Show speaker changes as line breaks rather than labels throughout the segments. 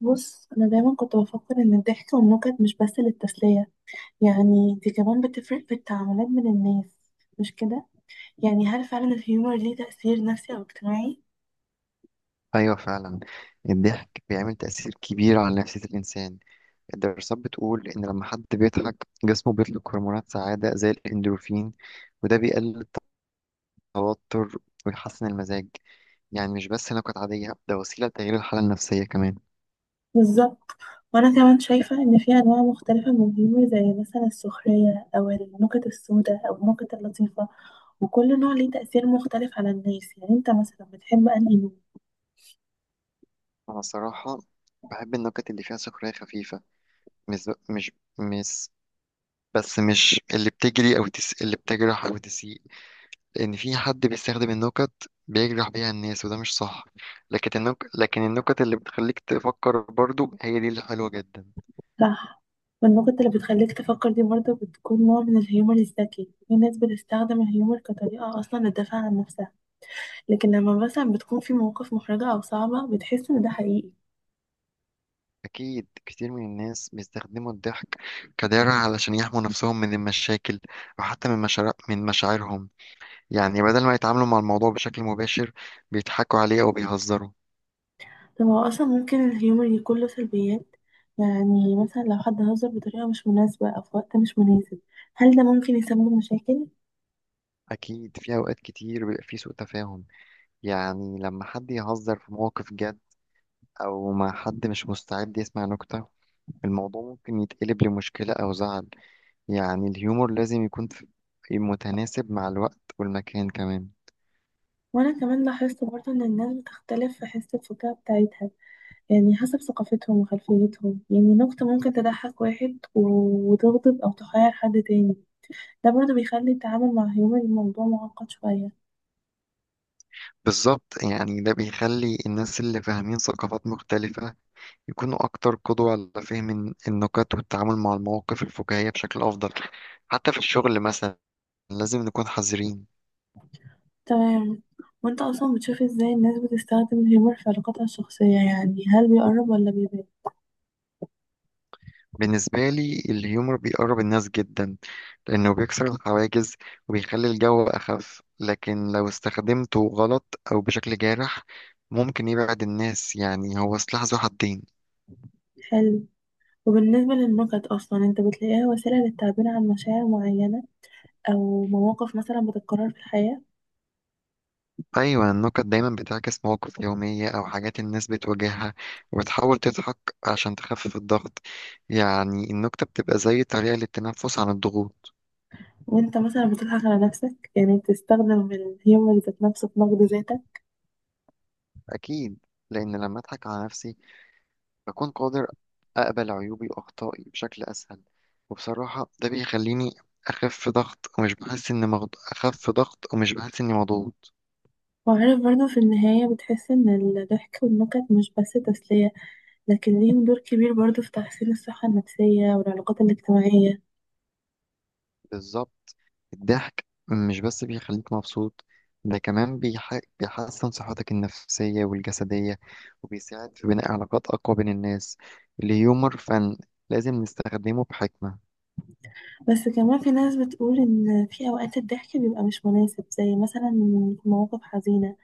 بص، أنا دايما كنت بفكر إن الضحك والنكت مش بس للتسلية، يعني دي كمان بتفرق في التعاملات بين الناس. مش كده؟ يعني هل فعلا الهيومر ليه تأثير نفسي أو اجتماعي؟
أيوة، فعلا. الضحك بيعمل تأثير كبير على نفسية الإنسان. الدراسات بتقول إن لما حد بيضحك جسمه بيطلق هرمونات سعادة زي الإندورفين، وده بيقلل التوتر ويحسن المزاج. يعني مش بس نكت عادية، ده وسيلة لتغيير الحالة النفسية كمان.
بالظبط. وأنا كمان شايفة إن في أنواع مختلفة من الهيومر زي مثلا السخرية أو النكت السوداء أو النكت اللطيفة، وكل نوع ليه تأثير مختلف على الناس. يعني أنت مثلا بتحب أنهي نوع؟
أنا صراحة بحب النكت اللي فيها سخرية خفيفة. مش مش مش بس مش اللي بتجرح أو تسيء. لأن في حد بيستخدم النكت بيجرح بيها الناس، وده مش صح. لكن النكت اللي بتخليك تفكر برضو هي دي اللي حلوة جدا.
صح. والنقطة اللي بتخليك تفكر دي برضه بتكون نوع من الهيومر الذكي. في ناس بتستخدم الهيومر كطريقة أصلا للدفاع عن نفسها، لكن لما مثلا بتكون في مواقف محرجة أو صعبة بتحس إن ده حقيقي.
أكيد كتير من الناس بيستخدموا الضحك كدرع علشان يحموا نفسهم من المشاكل، أو حتى من مشاعرهم. يعني بدل ما يتعاملوا مع الموضوع بشكل مباشر، بيضحكوا عليه أو بيهزروا.
طب هو أصلا ممكن الهيومر يكون له سلبيات؟ يعني مثلا لو حد هزر بطريقة مش مناسبة أو في وقت مش مناسب، هل ده ممكن يسبب مشاكل؟
أكيد في أوقات كتير بيبقى في سوء تفاهم. يعني لما حد يهزر في مواقف جد أو مع حد مش مستعد يسمع نكتة، الموضوع ممكن يتقلب لمشكلة أو زعل. يعني الهيومور لازم يكون متناسب مع الوقت والمكان كمان.
وأنا كمان لاحظت برضه إن الناس بتختلف في حس الفكاهة بتاعتها، يعني حسب ثقافتهم وخلفيتهم. يعني نكتة ممكن تضحك واحد و- وتغضب أو تحير حد تاني. ده برضه بيخلي التعامل مع هيومر الموضوع معقد شوية.
بالظبط، يعني ده بيخلي الناس اللي فاهمين ثقافات مختلفة يكونوا أكتر قدوة على فهم النكت والتعامل مع المواقف الفكاهية بشكل أفضل. حتى في الشغل مثلا لازم نكون حذرين.
تمام. وانت أصلا بتشوف ازاي الناس بتستخدم الهيومر في علاقاتها الشخصية؟ يعني هل بيقرب ولا بيبعد؟
بالنسبة لي، الهيومر بيقرب الناس جدا لأنه بيكسر الحواجز وبيخلي الجو أخف. لكن لو استخدمته غلط أو بشكل جارح ممكن يبعد الناس. يعني هو سلاح ذو حدين.
حلو. وبالنسبة للنكت أصلا انت بتلاقيها وسيلة للتعبير عن مشاعر معينة، أو مواقف مثلا بتتكرر في الحياة؟
أيوة، النكت دايما بتعكس مواقف يومية أو حاجات الناس بتواجهها، وبتحاول تضحك عشان تخفف الضغط. يعني النكتة بتبقى زي طريقة للتنفس عن الضغوط.
وانت مثلا بتضحك على نفسك؟ يعني بتستخدم الهيومر ذات نفسه في نقد ذاتك؟
أكيد. لأن لما أضحك على نفسي بكون قادر أقبل عيوبي وأخطائي بشكل أسهل. وبصراحة ده بيخليني أخف ضغط ومش بحس إني مضغوط.
وعارف برضو، في النهاية بتحس إن الضحك والنكت مش بس تسلية، لكن ليهم دور كبير برضو في تحسين الصحة النفسية والعلاقات الاجتماعية.
بالظبط، الضحك مش بس بيخليك مبسوط، ده كمان بيحسن صحتك النفسية والجسدية، وبيساعد في بناء علاقات أقوى بين الناس. الهيومر فن، لازم نستخدمه بحكمة.
بس كمان في ناس بتقول إن في أوقات الضحك بيبقى مش مناسب، زي مثلا في مواقف حزينة،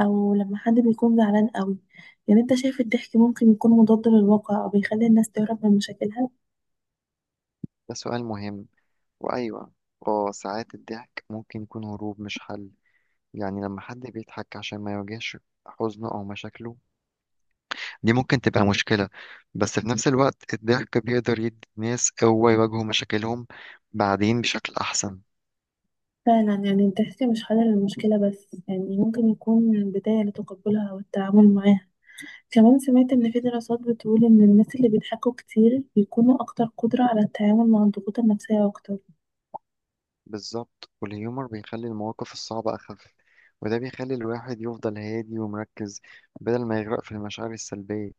أو لما حد بيكون زعلان قوي. يعني أنت شايف الضحك ممكن يكون مضاد للواقع أو بيخلي الناس تهرب من مشاكلها؟
ده سؤال مهم. وأيوة، اه ساعات الضحك ممكن يكون هروب مش حل. يعني لما حد بيضحك عشان ما يواجهش حزنه أو مشاكله، دي ممكن تبقى مشكلة. بس في نفس الوقت الضحك بيقدر يدي الناس قوة يواجهوا مشاكلهم بعدين بشكل أحسن.
فعلا. يعني الضحك مش حل للمشكلة بس، يعني ممكن يكون بداية لتقبلها والتعامل معاها. كمان سمعت إن في دراسات بتقول إن الناس اللي بيضحكوا كتير بيكونوا أكتر قدرة على التعامل مع الضغوط النفسية أكتر.
بالظبط، والهيومر بيخلي المواقف الصعبة أخف، وده بيخلي الواحد يفضل هادي ومركز بدل ما يغرق في المشاعر السلبية.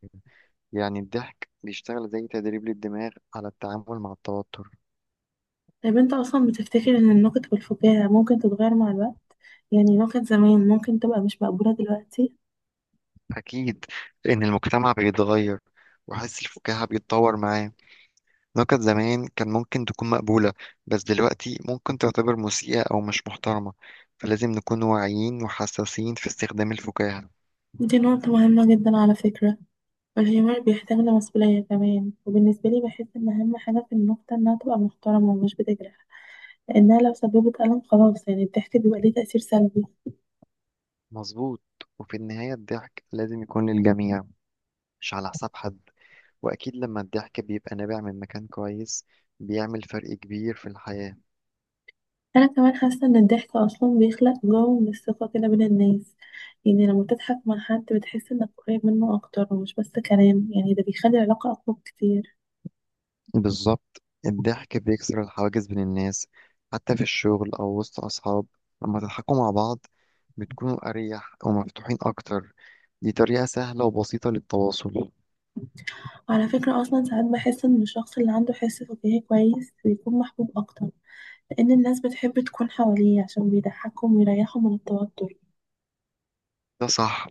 يعني الضحك بيشتغل زي تدريب للدماغ على التعامل مع التوتر.
طيب أنت أصلا بتفتكر إن النكت والفكاهة ممكن تتغير مع الوقت؟ يعني نكت زمان ممكن تبقى مش مقبولة دلوقتي؟
أكيد. لأن المجتمع بيتغير وحس الفكاهة بيتطور معاه. نكت زمان كان ممكن تكون مقبولة، بس دلوقتي ممكن تعتبر مسيئة أو مش محترمة. فلازم نكون واعيين وحساسين في استخدام الفكاهة.
دي نقطة مهمة جدا على فكرة. الهيومر بيحتاج لمسؤولية كمان. وبالنسبة لي بحس إن أهم حاجة في النكتة إنها تبقى محترمة ومش بتجرح، لأنها لو سببت ألم خلاص، يعني الضحك بيبقى ليه تأثير سلبي.
مظبوط. وفي النهاية الضحك لازم يكون للجميع، مش على حساب حد. وأكيد لما الضحك بيبقى نابع من مكان كويس بيعمل فرق كبير في الحياة.
انا كمان حاسه ان الضحك اصلا بيخلق جو من الثقه كده بين الناس. يعني لما تضحك مع حد بتحس انك قريب منه اكتر، ومش بس كلام، يعني ده بيخلي العلاقه اقوى كتير.
بالظبط، الضحك بيكسر الحواجز بين الناس، حتى في الشغل أو وسط أصحاب. لما تضحكوا مع بعض بتكونوا أريح ومفتوحين أكتر. دي طريقة سهلة وبسيطة للتواصل.
وعلى فكره اصلا ساعات بحس ان الشخص اللي عنده حس فكاهي كويس بيكون محبوب اكتر، لان الناس بتحب تكون حواليه عشان بيضحكهم ويريحهم من التوتر.
ده صح.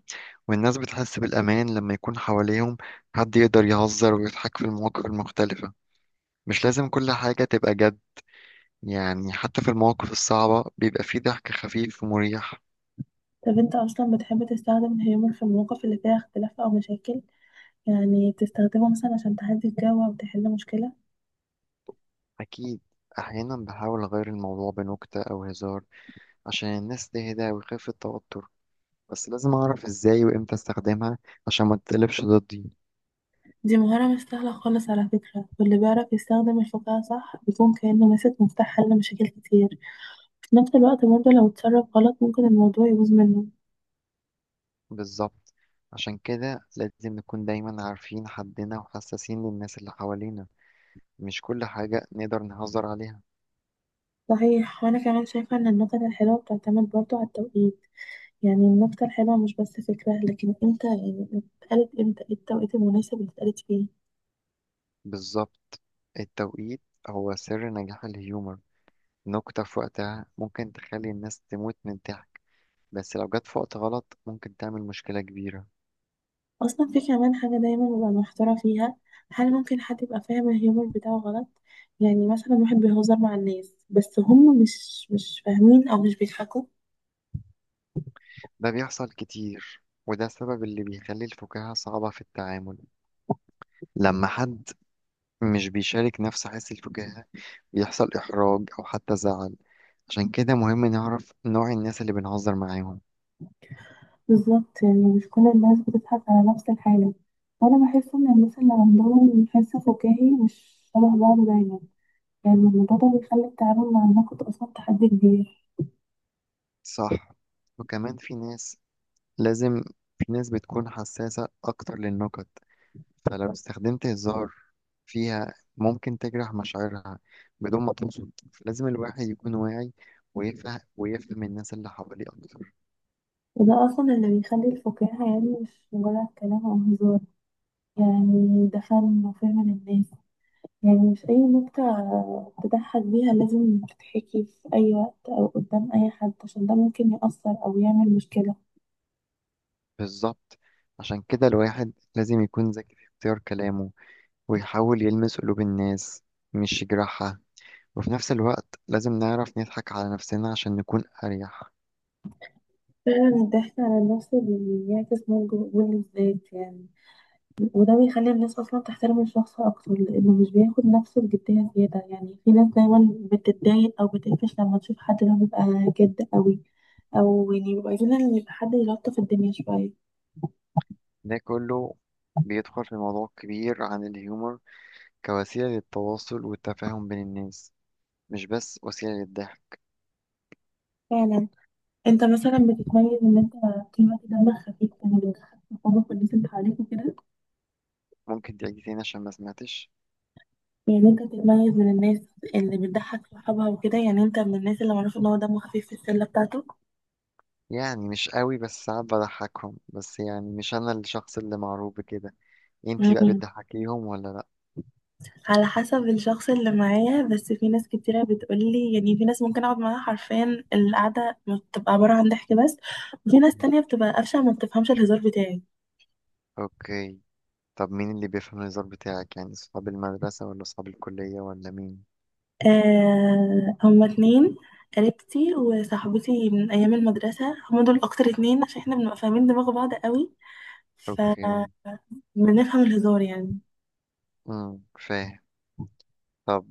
والناس بتحس بالأمان لما يكون حواليهم حد يقدر يهزر ويضحك في المواقف المختلفة. مش لازم كل حاجة تبقى جد. يعني حتى في المواقف الصعبة بيبقى فيه ضحك خفيف ومريح.
طب انت اصلا بتحب تستخدم الهيومر في المواقف اللي فيها اختلاف او مشاكل؟ يعني بتستخدمه مثلا عشان تهدي الجو او تحل مشكله؟
أكيد. أحيانا بحاول أغير الموضوع بنكتة أو هزار عشان الناس تهدى ويخف التوتر. بس لازم أعرف إزاي وإمتى أستخدمها عشان ما تتقلبش ضدي.
دي مهارة مش سهلة خالص على فكرة، واللي بيعرف يستخدم الفكاهة صح بيكون كأنه ماسك مفتاح حل مشاكل كتير. في نفس الوقت برضه لو اتصرف غلط ممكن الموضوع يبوظ منه.
بالظبط، عشان كده لازم نكون دايما عارفين حدنا وحساسين للناس اللي حوالينا. مش كل حاجة نقدر نهزر عليها.
صحيح. وأنا كمان شايفة إن النكت الحلوة بتعتمد برضه على التوقيت. يعني النكتة الحلوة مش بس فكرة، لكن امتى، يعني اتقالت امتى، ايه التوقيت المناسب اللي اتقالت فيه.
بالظبط، التوقيت هو سر نجاح الهيومر. نكتة في وقتها ممكن تخلي الناس تموت من الضحك، بس لو جت في وقت غلط ممكن تعمل مشكلة كبيرة.
أصلا في كمان حاجة دايما ببقى محتارة فيها، هل ممكن حد يبقى فاهم الهيومر بتاعه غلط؟ يعني مثلا واحد بيهزر مع الناس بس هم مش فاهمين أو مش بيضحكوا.
ده بيحصل كتير، وده السبب اللي بيخلي الفكاهة صعبة في التعامل. لما حد مش بيشارك نفس حس الفكاهة يحصل إحراج أو حتى زعل. عشان كده مهم نعرف نوع الناس اللي بنهزر معاهم.
بالظبط. يعني مش كل الناس بتضحك على نفس الحاجة. وأنا بحس إن الناس اللي عندهم حس فكاهي مش شبه بعض دايما، يعني الموضوع ده بيخلي التعامل مع النقد أصلا تحدي كبير.
صح. وكمان لازم في ناس بتكون حساسة أكتر للنكت، فلو استخدمت هزار فيها ممكن تجرح مشاعرها بدون ما تقصد. فلازم الواحد يكون واعي ويفهم الناس اللي حواليه أكتر.
وده أصلا اللي بيخلي الفكاهة، يعني مش مجرد كلام أو هزار، يعني ده فن وفهم للناس. يعني مش أي نكتة تضحك بيها لازم تتحكي في أي وقت أو قدام أي حد، عشان ده ممكن يأثر أو يعمل مشكلة.
بالظبط، عشان كده الواحد لازم يكون ذكي في اختيار كلامه، ويحاول يلمس قلوب الناس مش يجرحها. وفي نفس الوقت لازم نعرف نضحك على نفسنا عشان نكون أريح.
فعلا. الضحك على النفس بيعكس نضج وقبول الذات يعني. وده بيخلي الناس أصلا تحترم الشخص أكتر، لأنه مش بياخد نفسه بجدية زيادة. يعني في ناس دايما بتتضايق أو بتقفش لما تشوف حد اللي هو بيبقى جد قوي، أو يعني بيبقى عايزين إن يبقى حد يلطف الدنيا شوية.
ده كله بيدخل في موضوع كبير عن الهيومر كوسيلة للتواصل والتفاهم بين الناس، مش بس وسيلة للضحك.
فعلا. أنت مثلا بتتميز إن أنت طول الوقت دمك خفيف، يعني بتضحك صحابك والناس اللي حواليك وكده.
ممكن تعيد تاني عشان ما سمعتش؟
يعني أنت بتتميز من الناس اللي بتضحك صحابها وكده. يعني أنت من الناس اللي معروف إن هو دمه خفيف في الشلة بتاعته.
يعني مش قوي، بس ساعات بضحكهم بس. يعني مش أنا الشخص اللي معروف بكده. انتي بقى
مم.
بتضحكيهم ولا لأ؟
على حسب الشخص اللي معايا، بس في ناس كتيرة بتقولي، يعني في ناس ممكن اقعد معاها حرفيا القعدة بتبقى عبارة عن ضحك بس، وفي ناس
مم.
تانية بتبقى قفشة، ما بتفهمش الهزار بتاعي.
اوكي. طب مين اللي بيفهم الهزار بتاعك؟ يعني صحاب المدرسة ولا صحاب الكلية ولا مين؟
آه، هما 2، قريبتي وصاحبتي من ايام المدرسة، هما دول اكتر 2، عشان احنا بنبقى فاهمين دماغ بعض قوي،
اوكي.
فبنفهم الهزار يعني.
فاهم. طب.